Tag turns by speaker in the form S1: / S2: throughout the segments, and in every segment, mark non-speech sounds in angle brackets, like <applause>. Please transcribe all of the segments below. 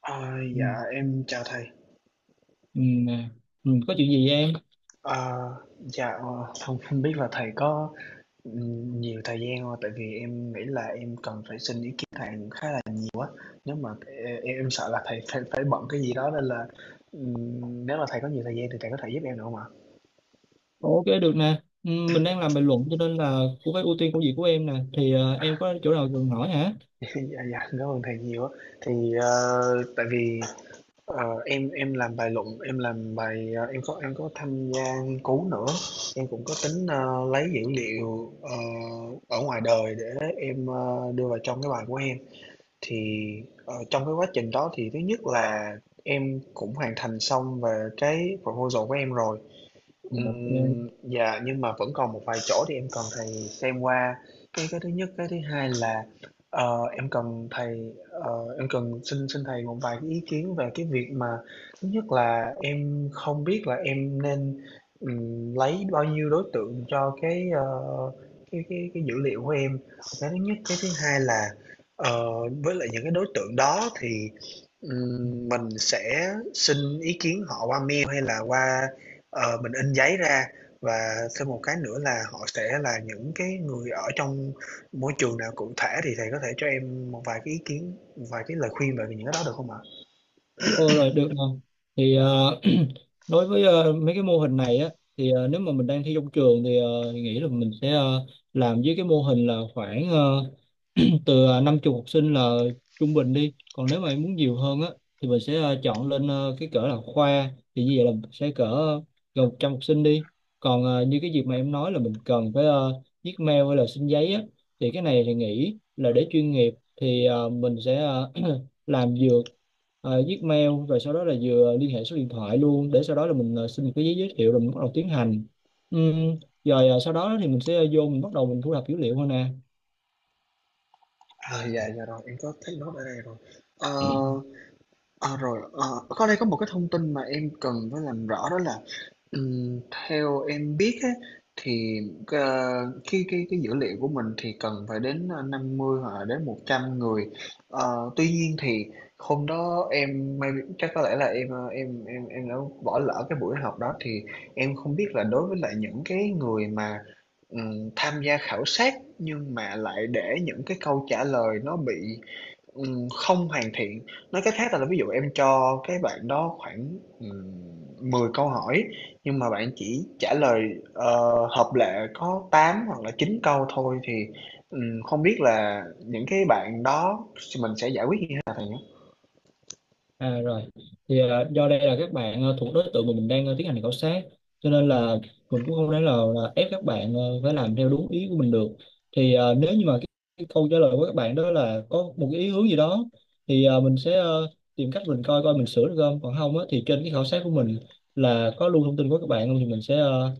S1: Ờ,
S2: Ừ,
S1: dạ em chào thầy.
S2: ừ, nè. Ừ, có chuyện gì vậy em?
S1: Ờ, dạ không không biết là thầy có nhiều thời gian không? Tại vì em nghĩ là em cần phải xin ý kiến thầy khá là nếu mà em sợ là thầy phải phải bận cái gì đó nên là nếu mà thầy có nhiều thời gian thì thầy có thể giúp em được không ạ?
S2: Ok được nè. Ừ, mình đang làm bình luận cho nên là cũng phải ưu tiên công việc của em nè. Thì em có chỗ nào cần hỏi hả?
S1: <laughs> Dạ, dạ cảm ơn thầy nhiều. Á. Thì tại vì Ờ, em làm bài luận em làm bài em có tham gia nghiên cứu nữa. Em cũng có tính lấy dữ liệu ở ngoài đời để em đưa vào trong cái bài của em. Thì trong cái quá trình đó thì thứ nhất là em cũng hoàn thành xong về cái proposal của em rồi.
S2: Ok.
S1: Dạ, nhưng mà vẫn còn một vài chỗ thì em cần thầy xem qua. Cái thứ nhất, cái thứ hai là, em cần thầy em cần xin xin thầy một vài cái ý kiến về cái việc mà thứ nhất là em không biết là em nên, lấy bao nhiêu đối tượng cho cái, cái dữ liệu của em. Cái thứ nhất, cái thứ hai là, ờ, với lại những cái đối tượng đó thì, mình sẽ xin ý kiến họ qua mail hay là qua. Mình in giấy ra. Và thêm một cái nữa là họ sẽ là những cái người ở trong môi trường nào cụ thể thì thầy có thể cho em một vài cái ý kiến, một vài cái lời khuyên về những cái đó được không ạ?
S2: Ô rồi được rồi. Thì <clears throat> đối với mấy cái mô hình này á thì nếu mà mình đang thi trong trường thì, thì nghĩ là mình sẽ làm với cái mô hình là khoảng <clears throat> từ 50 học sinh là trung bình đi. Còn nếu mà em muốn nhiều hơn á thì mình sẽ chọn lên cái cỡ là khoa, thì như vậy là sẽ cỡ gần 100 học sinh đi. Còn như cái việc mà em nói là mình cần phải viết mail hay là xin giấy á, thì cái này thì nghĩ là để chuyên nghiệp thì mình sẽ <clears throat> làm vừa viết mail rồi sau đó là vừa liên hệ số điện thoại luôn, để sau đó là mình xin một cái giấy giới thiệu rồi mình bắt đầu tiến hành. Rồi sau đó thì mình sẽ vô mình bắt đầu mình thu thập dữ liệu thôi nè.
S1: À, dạ, dạ rồi, em có thấy note ở đây rồi. Ờ, Rồi, có đây có một cái thông tin mà em cần phải làm rõ đó là, Ừm, theo em biết á, thì ờ, cái dữ liệu của mình thì cần phải đến 50 hoặc là đến 100 người. Tuy nhiên thì hôm đó em may chắc có lẽ là em em đã bỏ lỡ cái buổi họp đó thì em không biết là đối với lại những cái người mà tham gia khảo sát nhưng mà lại để những cái câu trả lời nó bị không hoàn thiện, nói cách khác là ví dụ em cho cái bạn đó khoảng, 10 câu hỏi, nhưng mà bạn chỉ trả lời, ờ, hợp lệ có 8 hoặc là 9 câu thôi thì, không biết là những cái bạn đó mình sẽ giải quyết như thế nào thầy nhé.
S2: À rồi, thì do đây là các bạn thuộc đối tượng mà mình đang tiến hành khảo sát, cho nên là mình cũng không thể nào là ép các bạn phải làm theo đúng ý của mình được. Thì nếu như mà cái câu trả lời của các bạn đó là có một cái ý hướng gì đó, thì mình sẽ tìm cách mình coi coi mình sửa được không. Còn không á, thì trên cái khảo sát của mình là có lưu thông tin của các bạn không, thì mình sẽ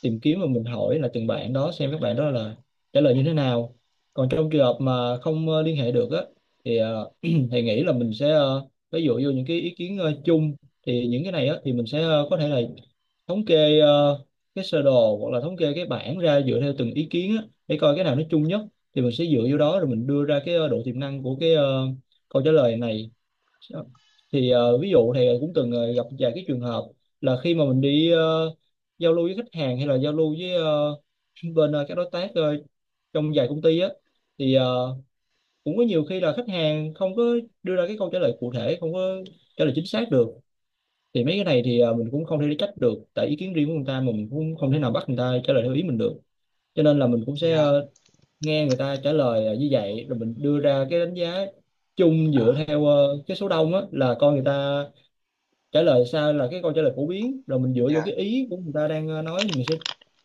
S2: tìm kiếm và mình hỏi là từng bạn đó xem các bạn đó là trả lời như thế nào. Còn trong trường hợp mà không liên hệ được á, thì <clears throat> thì nghĩ là mình sẽ ví dụ vô những cái ý kiến chung, thì những cái này á thì mình sẽ có thể là thống kê cái sơ đồ hoặc là thống kê cái bảng ra dựa theo từng ý kiến á, để coi cái nào nó chung nhất thì mình sẽ dựa vô đó rồi mình đưa ra cái độ tiềm năng của cái câu trả lời này. Thì ví dụ thì cũng từng gặp vài cái trường hợp là khi mà mình đi giao lưu với khách hàng hay là giao lưu với bên các đối tác trong dài công ty á, thì cũng có nhiều khi là khách hàng không có đưa ra cái câu trả lời cụ thể, không có trả lời chính xác được. Thì mấy cái này thì mình cũng không thể trách được tại ý kiến riêng của người ta, mà mình cũng không thể nào bắt người ta trả lời theo ý mình được, cho nên là mình cũng sẽ
S1: Dạ,
S2: nghe người ta trả lời như vậy rồi mình đưa ra cái đánh giá chung dựa
S1: à,
S2: theo cái số đông á là coi người ta trả lời sao là cái câu trả lời phổ biến, rồi mình dựa vô
S1: dạ,
S2: cái ý của người ta đang nói thì mình sẽ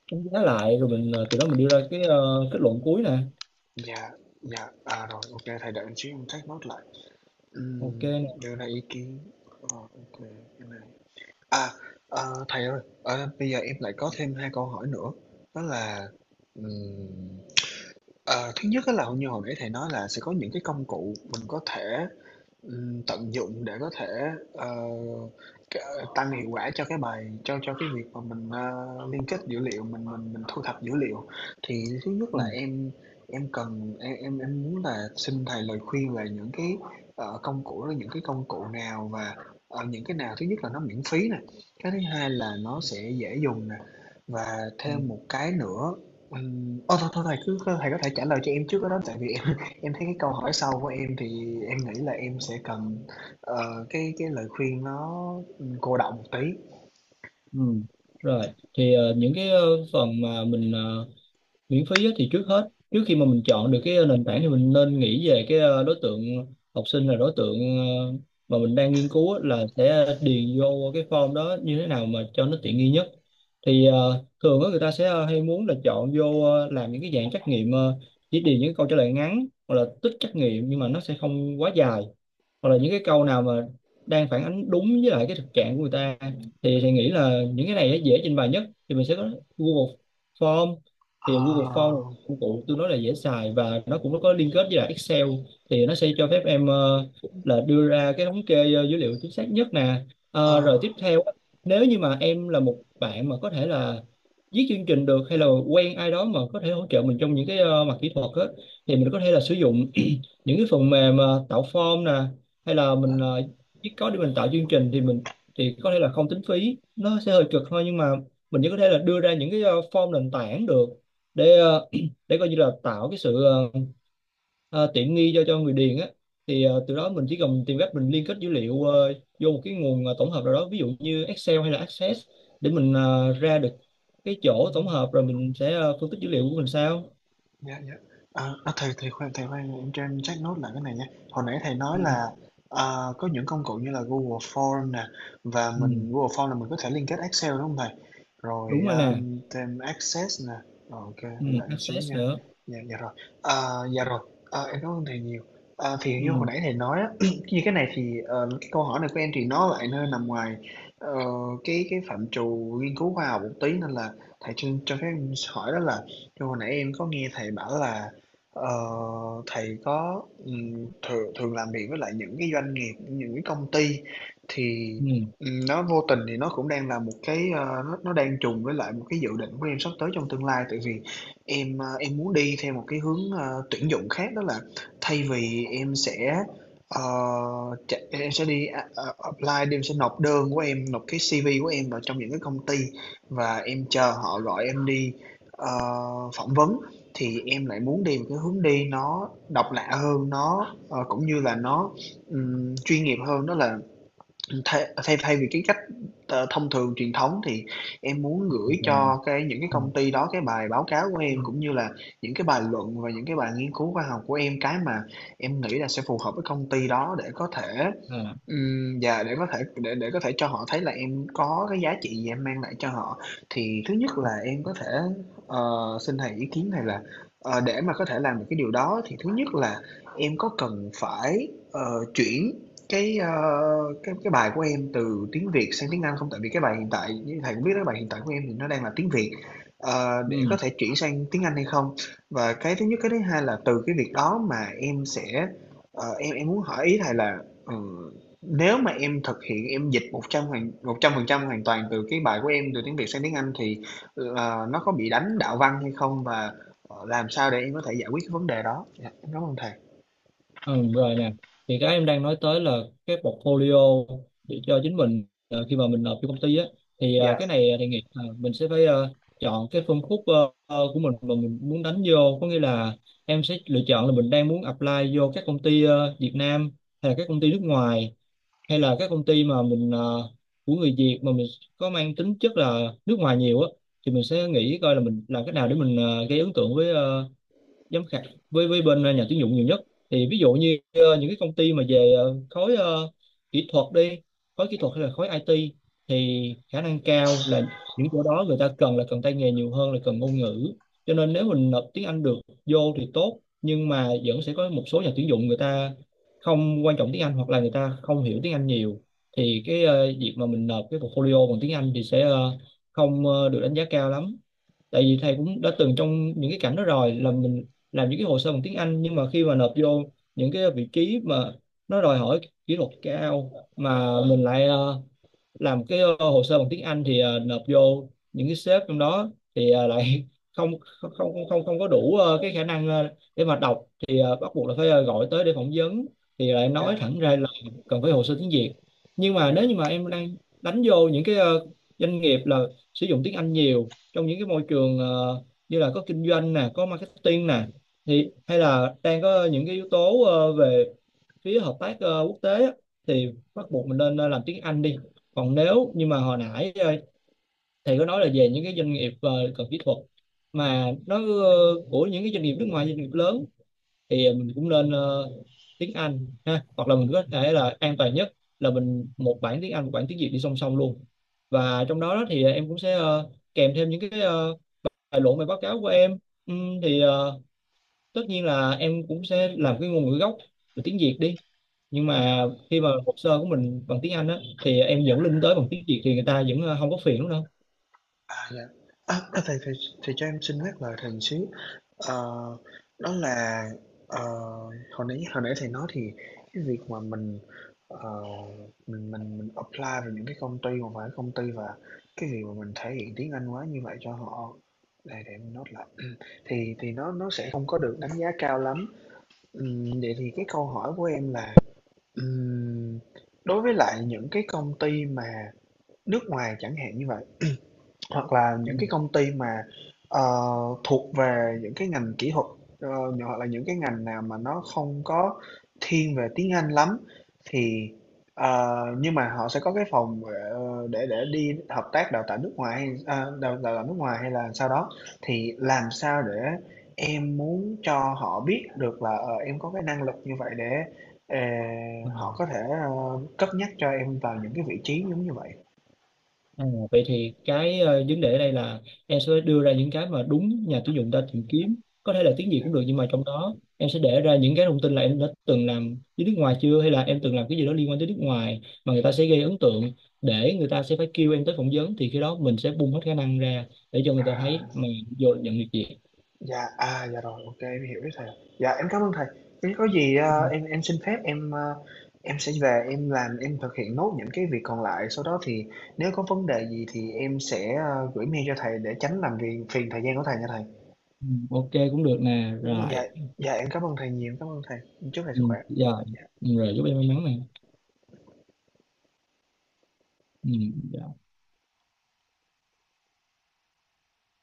S2: đánh giá lại, rồi mình từ đó mình đưa ra cái kết luận cuối nè.
S1: dạ, dạ, à, rồi, ok thầy đợi chút em take note lại.
S2: Ok
S1: Ừm,
S2: nè.
S1: Đưa ra ý kiến, ờ, ô cái này. À, Thầy ơi, bây giờ em lại có thêm 2 câu hỏi nữa. Đó là ừm, ờ, thứ nhất á là như hồi nãy thầy nói là sẽ có những cái công cụ mình có thể tận dụng để có thể, ờ, c tăng hiệu quả cho cái bài cho cái việc mà mình, liên kết dữ liệu, mình thu thập dữ liệu. Thì thứ nhất
S2: Ừ.
S1: là em cần em muốn là xin thầy lời khuyên về những cái, công cụ đó, những cái công cụ nào và, những cái nào thứ nhất là nó miễn phí nè, cái thứ hai là nó sẽ dễ dùng nè, và
S2: Ừ.
S1: thêm một cái nữa thôi thầy cứ thầy có thể trả lời cho em trước cái đó tại vì em thấy cái câu hỏi sau của em thì em nghĩ là em sẽ cần cái lời khuyên nó cô đọng một tí.
S2: Ừ. Rồi, thì những cái phần mà mình miễn phí á, thì trước hết trước khi mà mình chọn được cái nền tảng thì mình nên nghĩ về cái đối tượng học sinh là đối tượng mà mình đang nghiên cứu á, là sẽ điền vô cái form đó như thế nào mà cho nó tiện nghi nhất. Thì thường á, người ta sẽ hay muốn là chọn vô làm những cái dạng trắc nghiệm, chỉ điền những câu trả lời ngắn hoặc là tích trắc nghiệm nhưng mà nó sẽ không quá dài, hoặc là những cái câu nào mà đang phản ánh đúng với lại cái thực trạng của người ta, thì nghĩ là những cái này nó dễ trình bày nhất. Thì mình sẽ có Google Form. Thì Google Form
S1: Ờ,
S2: là công cụ tôi nói là dễ xài và nó cũng có liên kết với lại Excel, thì nó sẽ cho phép em là đưa ra cái thống kê dữ liệu chính xác nhất nè.
S1: ờ,
S2: Rồi tiếp theo á, nếu như mà em là một bạn mà có thể là viết chương trình được hay là quen ai đó mà có thể hỗ trợ mình trong những cái mặt kỹ thuật á, thì mình có thể là sử dụng <clears throat> những cái phần mềm tạo form nè, hay là mình chỉ có để mình tạo chương trình thì mình thì có thể là không tính phí, nó sẽ hơi cực thôi nhưng mà mình vẫn có thể là đưa ra những cái form nền tảng được, để <clears throat> để coi như là tạo cái sự tiện nghi cho người điền á. Thì từ đó mình chỉ cần tìm cách mình liên kết dữ liệu vô một cái nguồn tổng hợp nào đó, ví dụ như Excel hay là Access, để mình ra được cái chỗ
S1: đó.
S2: tổng hợp rồi mình sẽ phân tích dữ liệu của mình sao.
S1: Dạ, dạ. Thầy thầy khoan, em cho em check nốt lại cái này nha. Hồi nãy thầy
S2: Ừ.
S1: nói là, có những công cụ như là Google Form nè, và
S2: Ừ.
S1: mình Google Form là mình có thể liên kết Excel, đúng không thầy? Rồi,
S2: Đúng rồi nè.
S1: thêm Access nè, rồi ô
S2: Ừ.
S1: thầy đợi em xíu
S2: Access
S1: nha.
S2: nữa.
S1: Dạ, dạ rồi. Dạ rồi, em cảm ơn thầy nhiều. Thì như hồi
S2: Ừ.
S1: nãy thầy nói á, <clears throat> như cái này thì, cái câu hỏi này của em thì nó lại nơi nằm ngoài, ờ, cái phạm trù nghiên cứu khoa học một tí, nên là thầy cho phép em hỏi đó là như hồi nãy em có nghe thầy bảo là ờ, thầy có thường thường làm việc với lại những cái doanh nghiệp, những cái công ty. Thì
S2: Ừ.
S1: nó vô tình thì nó cũng đang là một cái nó đang trùng với lại một cái dự định của em sắp tới trong tương lai tại vì em muốn đi theo một cái hướng tuyển dụng khác đó là thay vì em sẽ ờ, em sẽ đi apply em sẽ nộp đơn của em nộp cái CV của em vào trong những cái công ty và em chờ họ gọi em đi Ờ, phỏng vấn. Thì em lại muốn đi một cái hướng đi nó độc lạ hơn, cũng như là chuyên nghiệp hơn. Đó là thay thay thay vì cái cách, thông thường truyền thống thì em muốn gửi
S2: Rồi.
S1: cho cái những cái
S2: Ừ.
S1: công ty đó cái bài báo cáo của
S2: Ừ.
S1: em, cũng như là những cái bài luận và những cái bài nghiên cứu khoa học của em, cái mà em nghĩ là sẽ phù hợp với công ty đó để có thể
S2: À.
S1: Dạ để có thể để có thể cho họ thấy là em có cái giá trị gì em mang lại cho họ. Thì thứ nhất là em có thể ờ, xin thầy ý kiến này là để mà có thể làm được cái điều đó thì thứ nhất là em có cần phải chuyển cái cái bài của em từ tiếng Việt sang tiếng Anh không? Tại vì cái bài hiện tại như thầy cũng biết đó bài hiện tại của em thì nó đang là tiếng Việt. Để có
S2: Ừ,
S1: thể chuyển sang tiếng Anh hay không? Và cái thứ nhất cái thứ hai là từ cái việc đó mà em sẽ em muốn hỏi ý thầy là ừ, nếu mà em thực hiện em dịch 100% hoàn toàn từ cái bài của em từ tiếng Việt sang tiếng Anh thì, nó có bị đánh đạo văn hay không và, làm sao để em có thể giải quyết cái vấn đề đó? Dạ, em cám ơn thầy.
S2: ừ rồi nè, thì cái em đang nói tới là cái portfolio để cho chính mình khi mà mình nộp cho công ty á, thì
S1: Dạ,
S2: cái này thì nghĩ là mình sẽ phải chọn cái phân khúc của mình mà mình muốn đánh vô, có nghĩa là em sẽ lựa chọn là mình đang muốn apply vô các công ty Việt Nam hay là các công ty nước ngoài, hay là các công ty mà mình của người Việt mà mình có mang tính chất là nước ngoài nhiều á. Thì mình sẽ nghĩ coi là mình làm cách nào để mình gây ấn tượng với giám khảo, với bên nhà tuyển dụng nhiều nhất. Thì ví dụ như những cái công ty mà về khối kỹ thuật đi, khối kỹ thuật hay là khối IT, thì khả năng cao là những chỗ đó người ta cần là cần tay nghề nhiều hơn là cần ngôn ngữ, cho nên nếu mình nộp tiếng Anh được vô thì tốt, nhưng mà vẫn sẽ có một số nhà tuyển dụng người ta không quan trọng tiếng Anh hoặc là người ta không hiểu tiếng Anh nhiều, thì cái việc mà mình nộp cái portfolio bằng tiếng Anh thì sẽ không được đánh giá cao lắm. Tại vì thầy cũng đã từng trong những cái cảnh đó rồi, là mình làm những cái hồ sơ bằng tiếng Anh nhưng mà khi mà nộp vô những cái vị trí mà nó đòi hỏi kỹ thuật cao, mà mình lại làm cái hồ sơ bằng tiếng Anh thì nộp vô những cái sếp trong đó thì lại <laughs> không không không không không có đủ cái khả năng để mà đọc, thì bắt buộc là phải gọi tới để phỏng vấn, thì lại nói
S1: dạ,
S2: thẳng ra là cần phải hồ sơ tiếng Việt. Nhưng mà nếu như
S1: dạ,
S2: mà em đang đánh vô những cái doanh nghiệp là sử dụng tiếng Anh nhiều trong những cái môi trường như là có kinh doanh nè, có marketing nè, thì hay là đang có những cái yếu tố về phía hợp tác quốc tế, thì bắt buộc mình nên làm tiếng Anh đi. Còn nếu nhưng mà hồi nãy thầy có nói là về những cái doanh nghiệp cần kỹ thuật mà nó của những cái doanh nghiệp nước ngoài, doanh nghiệp lớn, thì mình cũng nên tiếng Anh ha, hoặc là mình có thể là an toàn nhất là mình một bản tiếng Anh, một bản tiếng Việt đi song song luôn, và trong đó đó thì em cũng sẽ kèm thêm những cái tài liệu bài báo cáo của em. Thì tất nhiên là em cũng sẽ làm cái ngôn ngữ gốc là tiếng Việt đi, nhưng mà
S1: dạ,
S2: khi mà hồ sơ của mình bằng tiếng Anh á, thì em dẫn
S1: dạ.
S2: link tới bằng tiếng Việt thì người ta vẫn không có phiền đúng không.
S1: À, dạ. À, thầy thầy thầy cho em xin nhắc lời thầy một xíu. Ờ, Đó là ờ, hồi nãy thầy nói thì cái việc mà mình ờ, mình apply vào những cái công ty mà phải công ty và cái việc mà mình thể hiện tiếng Anh quá như vậy cho họ để em note lại <clears throat> thì nó sẽ không có được đánh giá cao lắm. Vậy thì cái câu hỏi của em là ừm, đối với lại những cái công ty mà nước ngoài chẳng hạn như vậy hoặc là
S2: Ừ.
S1: những cái công ty mà, ờ, thuộc về những cái ngành kỹ thuật, ờ, hoặc là những cái ngành nào mà nó không có thiên về tiếng Anh lắm thì nhưng mà họ sẽ có cái phòng, để đi hợp tác đào tạo nước ngoài hay đào đào tạo nước ngoài hay là sau đó, thì làm sao để em muốn cho họ biết được là, em có cái năng lực như vậy để, ờ,
S2: Ừ.
S1: họ có thể, cất nhắc cho em vào những cái vị trí giống như vậy?
S2: À, vậy thì cái vấn đề ở đây là em sẽ đưa ra những cái mà đúng nhà tuyển dụng ta tìm kiếm, có thể là tiếng Việt
S1: Dạ,
S2: cũng được, nhưng mà trong đó em sẽ để ra những cái thông tin là em đã từng làm với nước ngoài chưa, hay là em từng làm cái gì đó liên quan tới nước ngoài, mà người ta sẽ gây ấn tượng để người ta sẽ phải kêu em tới phỏng vấn, thì khi đó mình sẽ bung hết khả năng ra để cho người ta thấy
S1: à.
S2: mà vô nhận được việc.
S1: Dạ, à, dạ rồi, ok em hiểu ý thầy. Dạ, em cảm ơn thầy. Nếu có gì,
S2: Ừ,
S1: em xin phép em, em sẽ về em làm, em thực hiện nốt những cái việc còn lại, sau đó thì nếu có vấn đề gì thì em sẽ, gửi mail cho thầy để tránh làm phiền phiền thời gian của thầy nha thầy.
S2: ừ, ok cũng được nè
S1: Dạ,
S2: rồi.
S1: dạ em cảm ơn thầy nhiều, cảm ơn thầy. Chúc thầy
S2: Ừ,
S1: sức khỏe.
S2: rồi.
S1: Dạ.
S2: Rồi, chúc em may mắn này. Ừ, dạ.